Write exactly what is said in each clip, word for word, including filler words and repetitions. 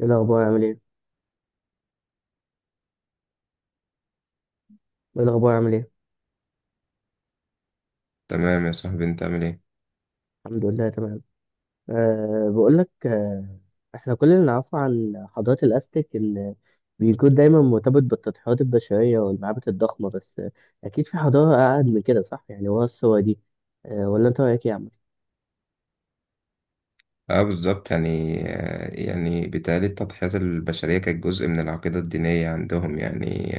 ايه الاخبار عامل ايه ايه الاخبار عامل ايه تمام يا صاحبي، انت عامل ايه؟ الحمد لله تمام. أه بقول لك. أه احنا كل اللي نعرفه عن حضاره الاستيك ان بيكون دايما مرتبط بالتضحيات البشريه والمعابد الضخمه، بس آه، اكيد في حضاره اقعد من كده، صح؟ يعني ورا الصور دي. أه ولا انت رايك ايه يا عم؟ اه، بالظبط يعني، آه، يعني بالتالي التضحيات البشريه كانت جزء من العقيده الدينيه عندهم يعني.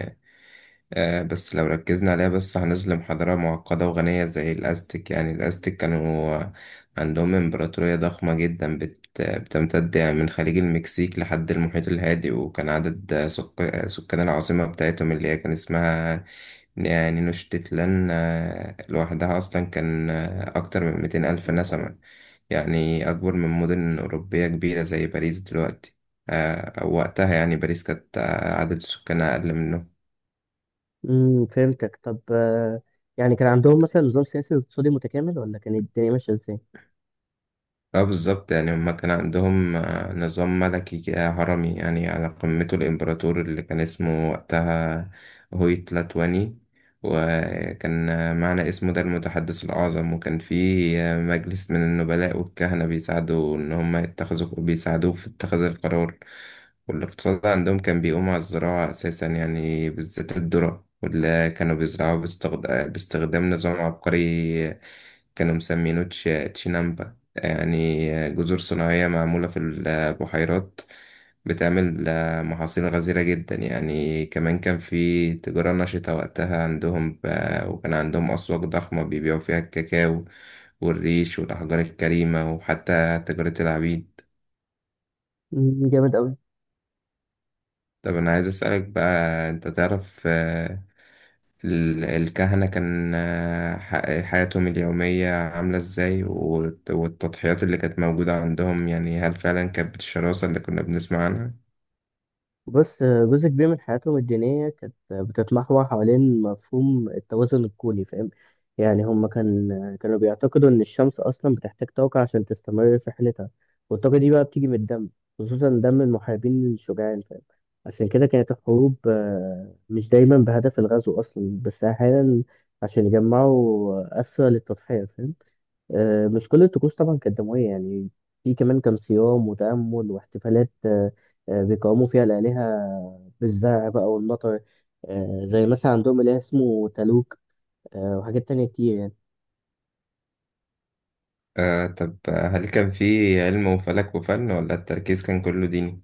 آه، بس لو ركزنا عليها بس هنظلم حضاره معقده وغنيه زي الازتك. يعني الازتك كانوا آه، عندهم امبراطوريه ضخمه جدا بت بتمتد يعني من خليج المكسيك لحد المحيط الهادي، وكان عدد آه، سك- آه، سكان العاصمه بتاعتهم اللي هي كان اسمها يعني نشتتلان، آه، لوحدها أصلا كان آه، أكتر من ميتين ألف نسمة، يعني أكبر من مدن أوروبية كبيرة زي باريس دلوقتي. آه، أو وقتها يعني باريس كانت آه، عدد سكانها أقل منه. امم، فهمتك. طب أه يعني كان عندهم مثلا نظام سياسي واقتصادي متكامل، ولا كانت الدنيا ماشيه ازاي؟ اه بالظبط، يعني هما كان عندهم آه، نظام ملكي كده هرمي، يعني على قمته الإمبراطور اللي كان اسمه وقتها هويتلاتواني، وكان آه، معنى اسمه ده المتحدث الأعظم. وكان في آه، مجلس من النبلاء والكهنة بيساعدوا إن هما يتخذوا بيساعدوه في اتخاذ القرار. والاقتصاد عندهم كان بيقوم على الزراعة أساسا، يعني بالذات الذرة، واللي كانوا بيزرعوها باستخد- باستخدام نظام عبقري آه، كانوا مسمينه تش- تشينامبا، يعني جزر صناعية معمولة في البحيرات، بتعمل محاصيل غزيرة جدا. يعني كمان كان في تجارة نشطة وقتها عندهم، ب- وكان عندهم أسواق ضخمة بيبيعوا فيها الكاكاو والريش والأحجار الكريمة، وحتى تجارة العبيد. امم، جامد قوي. طب أنا عايز أسألك بقى، أنت تعرف ال- الكهنة كان آه، ح- حياتهم اليومية عاملة ازاي، والت- والتضحيات اللي كانت موجودة عندهم، يعني هل فعلا كانت بالشراسة اللي كنا بنسمع عنها؟ بص، جزء كبير من حياتهم الدينية كانت بتتمحور حوالين مفهوم التوازن الكوني، فاهم؟ يعني هم كان كانوا بيعتقدوا إن الشمس أصلا بتحتاج طاقة عشان تستمر في رحلتها، والطاقة دي بقى بتيجي من الدم، خصوصا دم المحاربين الشجعان، فاهم؟ عشان كده كانت الحروب آه، مش دايما بهدف الغزو أصلا، بس أحيانا عشان يجمعوا أسرى للتضحية، فاهم؟ آه، مش كل الطقوس طبعا كانت دموية يعني، في كمان كان صيام وتأمل واحتفالات آه، آه، بيقوموا فيها الآلهة بالزرع بقى والمطر. آه، زي مثلا عندهم إله اسمه تالوك آه، وحاجات تانية كتير يعني. آه طب، آه، هل كان في علم وفلك وفن ولا التركيز كان كله ديني؟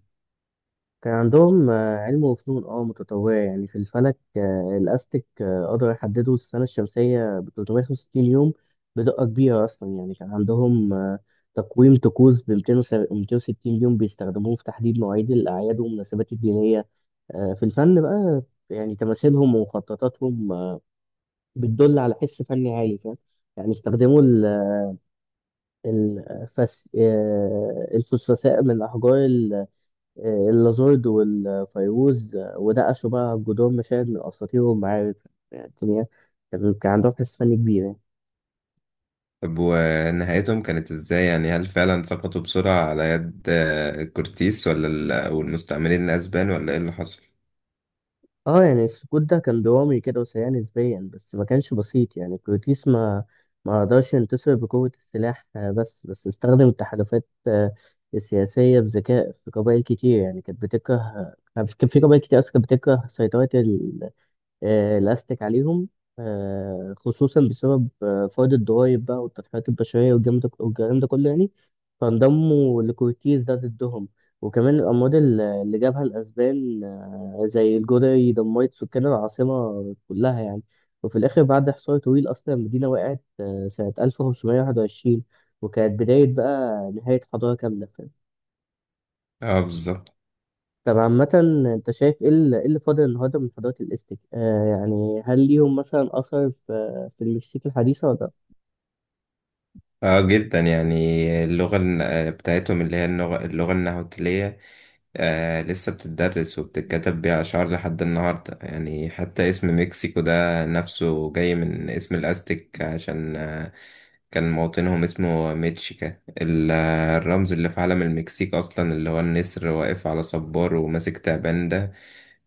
كان عندهم آه، علم وفنون اه متطورة يعني. في الفلك آه، الأزتك آه، قدروا يحددوا السنة الشمسية ب ثلاثمية وخمسة وستين يوم بدقة كبيرة أصلا. يعني كان عندهم آه، تقويم طقوس ب ميتين وستين يوم بيستخدموه في تحديد مواعيد الأعياد والمناسبات الدينية. آه، في الفن بقى، يعني تماثيلهم ومخططاتهم آه، بتدل على حس فني عالي، فاهم؟ يعني استخدموا ال- الفس... آه، الفسفساء من أحجار ال- آه، اللازورد والفيروز، آه، ونقشوا بقى جدران مشاهد من أساطير ومعارك. يعني الدنيا كان كان عندهم حس فني كبير يعني. طب ونهايتهم كانت ازاي، يعني هل فعلا سقطوا بسرعة على يد آه، كورتيس ولا ال- والمستعمرين الأسبان، ولا ايه اللي حصل؟ اه يعني السكوت ده كان درامي كده وسريع نسبيا، بس ما كانش بسيط يعني. الكورتيس ما ما قدرش ينتصر بقوة السلاح آه، بس بس استخدم التحالفات آه، السياسية بذكاء. في قبائل كتير يعني كانت بتكره، كان في كان في قبائل كتير أصلا كانت بتكره سيطرة ال- آه، الأزتك عليهم، آه، خصوصا بسبب آه، فرض الضرايب بقى والتضحيات البشرية والجرم ده والجرائم ده كله يعني، فانضموا لكورتيز ده ضدهم. وكمان الأمراض اللي اللي جابها الأسبان زي الجدعي دمرت سكان العاصمة كلها يعني. وفي الآخر بعد حصار طويل أصلا المدينة وقعت آه، سنة ألف وخمسمية وواحد وعشرين، وكانت بداية بقى نهاية حضارة كاملة، فاهم؟ اه بالظبط. طب عامة، أنت شايف إيه ال- إيه اللي فاضل النهاردة من حضارة الإزتك؟ آه يعني هل ليهم مثلا أثر في في المكسيك الحديثة ولا لأ؟ اه جدا، يعني اللغة الن- بتاعتهم اللي هي اللغة، اللغة النهوتلية آه لسه بتدرس وبتتكتب بيها أشعار لحد النهاردة. يعني حتى اسم مكسيكو ده نفسه جاي من اسم الأزتك، عشان آه كان موطنهم اسمه ميتشيكا. ال- آه، الرمز اللي في علم المكسيك أصلا اللي هو النسر واقف على صبار وماسك تعبان ده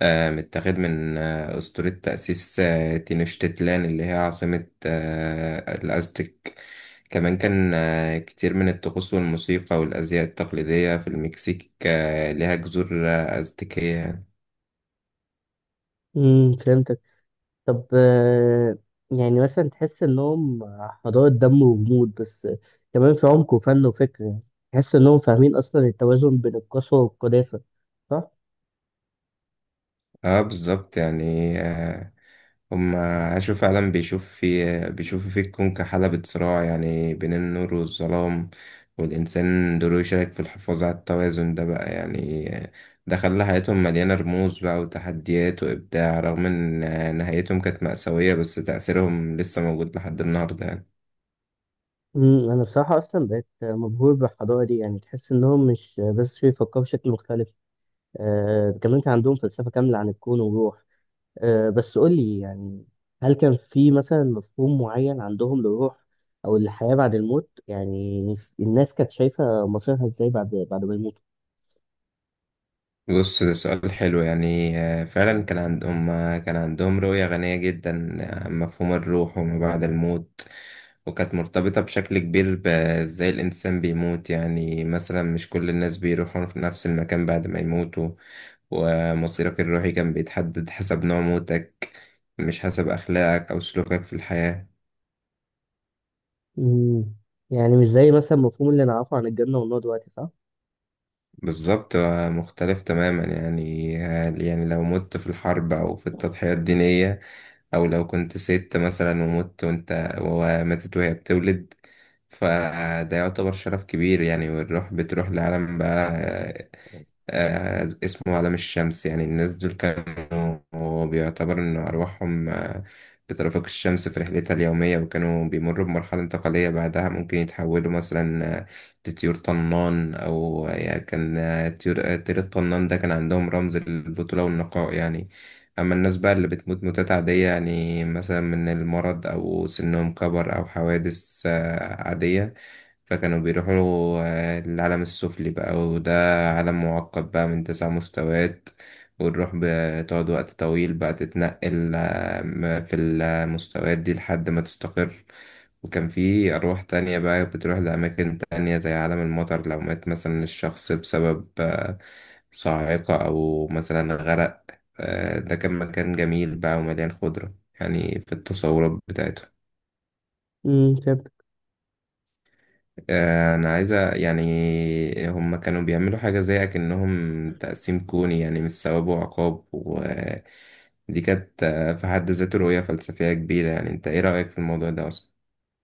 آه، متاخد من آه، أسطورة تأسيس آه، تينوشتيتلان، اللي هي عاصمة آه، الأزتك. كمان كان آه، كتير من الطقوس والموسيقى والأزياء التقليدية في المكسيك آه، ليها جذور آه، أزتكية. امم، فهمتك. طب آه، يعني مثلا تحس انهم حضارة دم وجمود، بس كمان في عمق وفن وفكر يعني. تحس انهم فاهمين اصلا التوازن بين القسوة والقداسة، صح؟ اه بالظبط يعني، آه، هم عاشوا فعلا بيشوف في بيشوفوا في الكون كحلبة صراع، يعني بين النور والظلام، والإنسان دوره يشارك في الحفاظ على التوازن ده بقى يعني. ده خلى حياتهم مليانة رموز بقى وتحديات وإبداع، رغم إن نهايتهم كانت مأساوية، بس تأثيرهم لسه موجود لحد النهاردة يعني. مم، انا بصراحة اصلا بقيت مبهور بالحضارة دي. يعني تحس انهم مش بس بيفكروا بشكل مختلف، آه، كمان كان عندهم فلسفة كاملة عن الكون والروح. آه، بس قولي يعني، هل كان في مثلا مفهوم معين عندهم للروح او الحياة بعد الموت؟ يعني الناس كانت شايفة مصيرها ازاي بعد بعد ما يموتوا؟ بص، ده سؤال حلو. يعني آه، فعلا كان عندهم كان عندهم رؤية غنية جدا عن مفهوم الروح وما بعد الموت، وكانت مرتبطة بشكل كبير بإزاي الإنسان بيموت. يعني مثلا مش كل الناس بيروحوا في نفس المكان بعد ما يموتوا، ومصيرك الروحي كان بيتحدد حسب نوع موتك، مش حسب أخلاقك أو سلوكك في الحياة. مم. يعني مش زي مثلا المفهوم اللي نعرفه عن الجنة والنار دلوقتي، صح؟ بالظبط، آه، مختلف تماما يعني. آه، يعني لو مت في الحرب أو في التضحية الدينية، او لو كنت ست مثلا ومت وانت وماتت وهي بتولد، فده يعتبر شرف كبير يعني. والروح بتروح لعالم بقى آه، اسمه عالم الشمس. يعني الناس دول كانوا بيعتبر إن أرواحهم آه، بترافق الشمس في رحلتها اليومية، وكانوا بيمروا بمرحلة انتقالية بعدها ممكن يتحولوا مثلا آه، لطيور طنان، أو آه، يعني كان آه، طيور آه، طير الطنان ده كان عندهم رمز البطولة والنقاء يعني. أما الناس بقى اللي بتموت موتات عادية، يعني مثلا من المرض أو سنهم كبر أو حوادث آه، عادية، فكانوا بيروحوا آه، للعالم السفلي بقى، وده عالم معقد بقى من تسع مستويات، وتروح بتقعد وقت طويل بقى تتنقل آه، م- في المستويات دي لحد ما تستقر. وكان في أرواح تانية بقى بتروح لأماكن تانية، زي عالم المطر، لو مات مثلا الشخص بسبب آه، صاعقة أو مثلا غرق. آه، ده كان مكان جميل بقى ومليان خضرة، يعني في التصورات بتاعته. امم، فهمت. آه، انا عايزه يعني، هم كانوا بيعملوا حاجه زي اكنهم تقسيم كوني، يعني مش ثواب وعقاب، ودي كانت آه، في حد ذاته رؤيه فلسفيه كبيره يعني. انت ايه رايك في الموضوع ده اصلا؟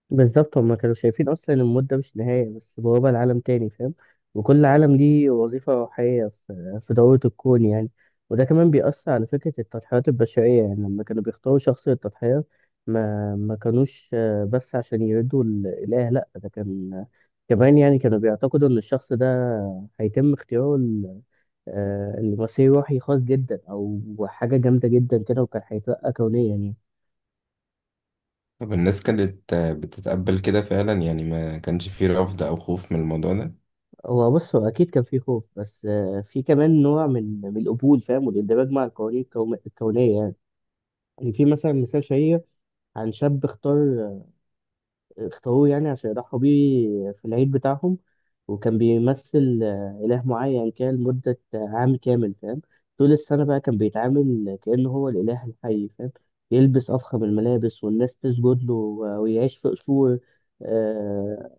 بالظبط، هما كانوا شايفين أصلا إن الموت ده مش نهاية، بس بوابة لعالم تاني، فاهم؟ وكل عالم ليه وظيفة روحية في في دورة الكون يعني. وده كمان بيأثر على فكرة التضحيات البشرية. يعني لما كانوا بيختاروا شخص للتضحية، ما ما كانوش آه، بس عشان يردوا الإله، لأ ده كان كمان يعني. كانوا بيعتقدوا إن الشخص ده هيتم اختياره آه، الممثل روحي خاص جدا او حاجه جامده جدا كده، وكان هيترقى كونيا يعني. طب الناس كانت آه، بتتقبل كده فعلا، يعني ما كانش فيه رفض او خوف من الموضوع ده؟ هو بص، هو اكيد كان فيه خوف، بس آه، في كمان نوع من من القبول، فاهم؟ والاندماج مع القوانين الكوم- الكونيه يعني. يعني في مثلا مثال شهير عن شاب اختار اختاروه يعني عشان يضحوا بيه في العيد بتاعهم، وكان بيمثل آه، إله معين كده لمدة آه، عام كامل، فاهم؟ طول السنة بقى كان بيتعامل كأنه هو الإله الحي، فاهم؟ يلبس أفخم الملابس والناس تسجد له و- ويعيش في قصور آه،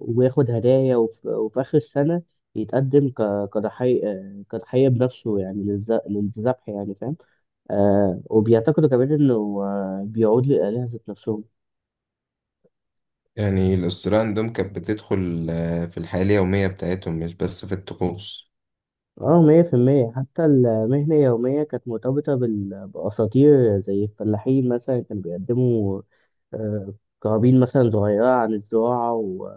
وياخد هدايا، وف- وفي آخر السنة يتقدم ك- كضحية آه، كضحية بنفسه يعني للذ- للذبح يعني، فاهم؟ آه وبيعتقدوا كمان إنه آه، بيعود للآلهة ذات نفسهم. يعني الاسطوره عندهم كانت بتدخل آه، في الحياه اليوميه بتاعتهم، مش بس في الطقوس. اه مية في المية. حتى المهنة اليومية كانت مرتبطة بال- بأساطير. زي الفلاحين مثلا كانوا بيقدموا آه، قرابين مثلا صغيرة عن الزراعة و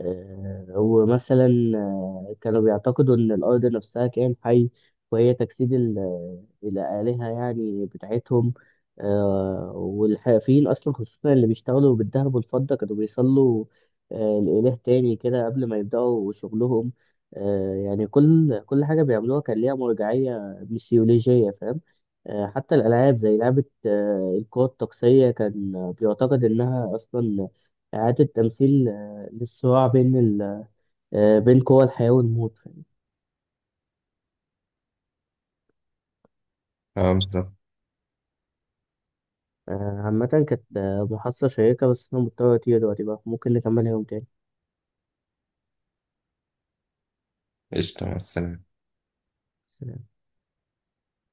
آه، ومثلا آه، كانوا بيعتقدوا إن الأرض نفسها كائن حي وهي تجسيد ال- الآلهة يعني بتاعتهم. آه، والحرفيين أصلا خصوصا اللي بيشتغلوا بالذهب والفضة كانوا بيصلوا آه، لإله تاني كده قبل ما يبدأوا شغلهم. آه، يعني كل كل حاجة بيعملوها كان ليها مرجعية ميثولوجية، فاهم؟ آه، حتى الألعاب زي لعبة آه، القوة الطقسية كان آه، بيعتقد إنها أصلا إعادة تمثيل آه، للصراع بين ال... آه، بين قوى الحياة والموت، فاهم؟ اه بالظبط. آه، عامة كانت آه، محادثة شيقة، بس أنا مضطر أطير دلوقتي بقى، ممكن نكملها يوم تاني. قشطه، مع السلامه. سلام.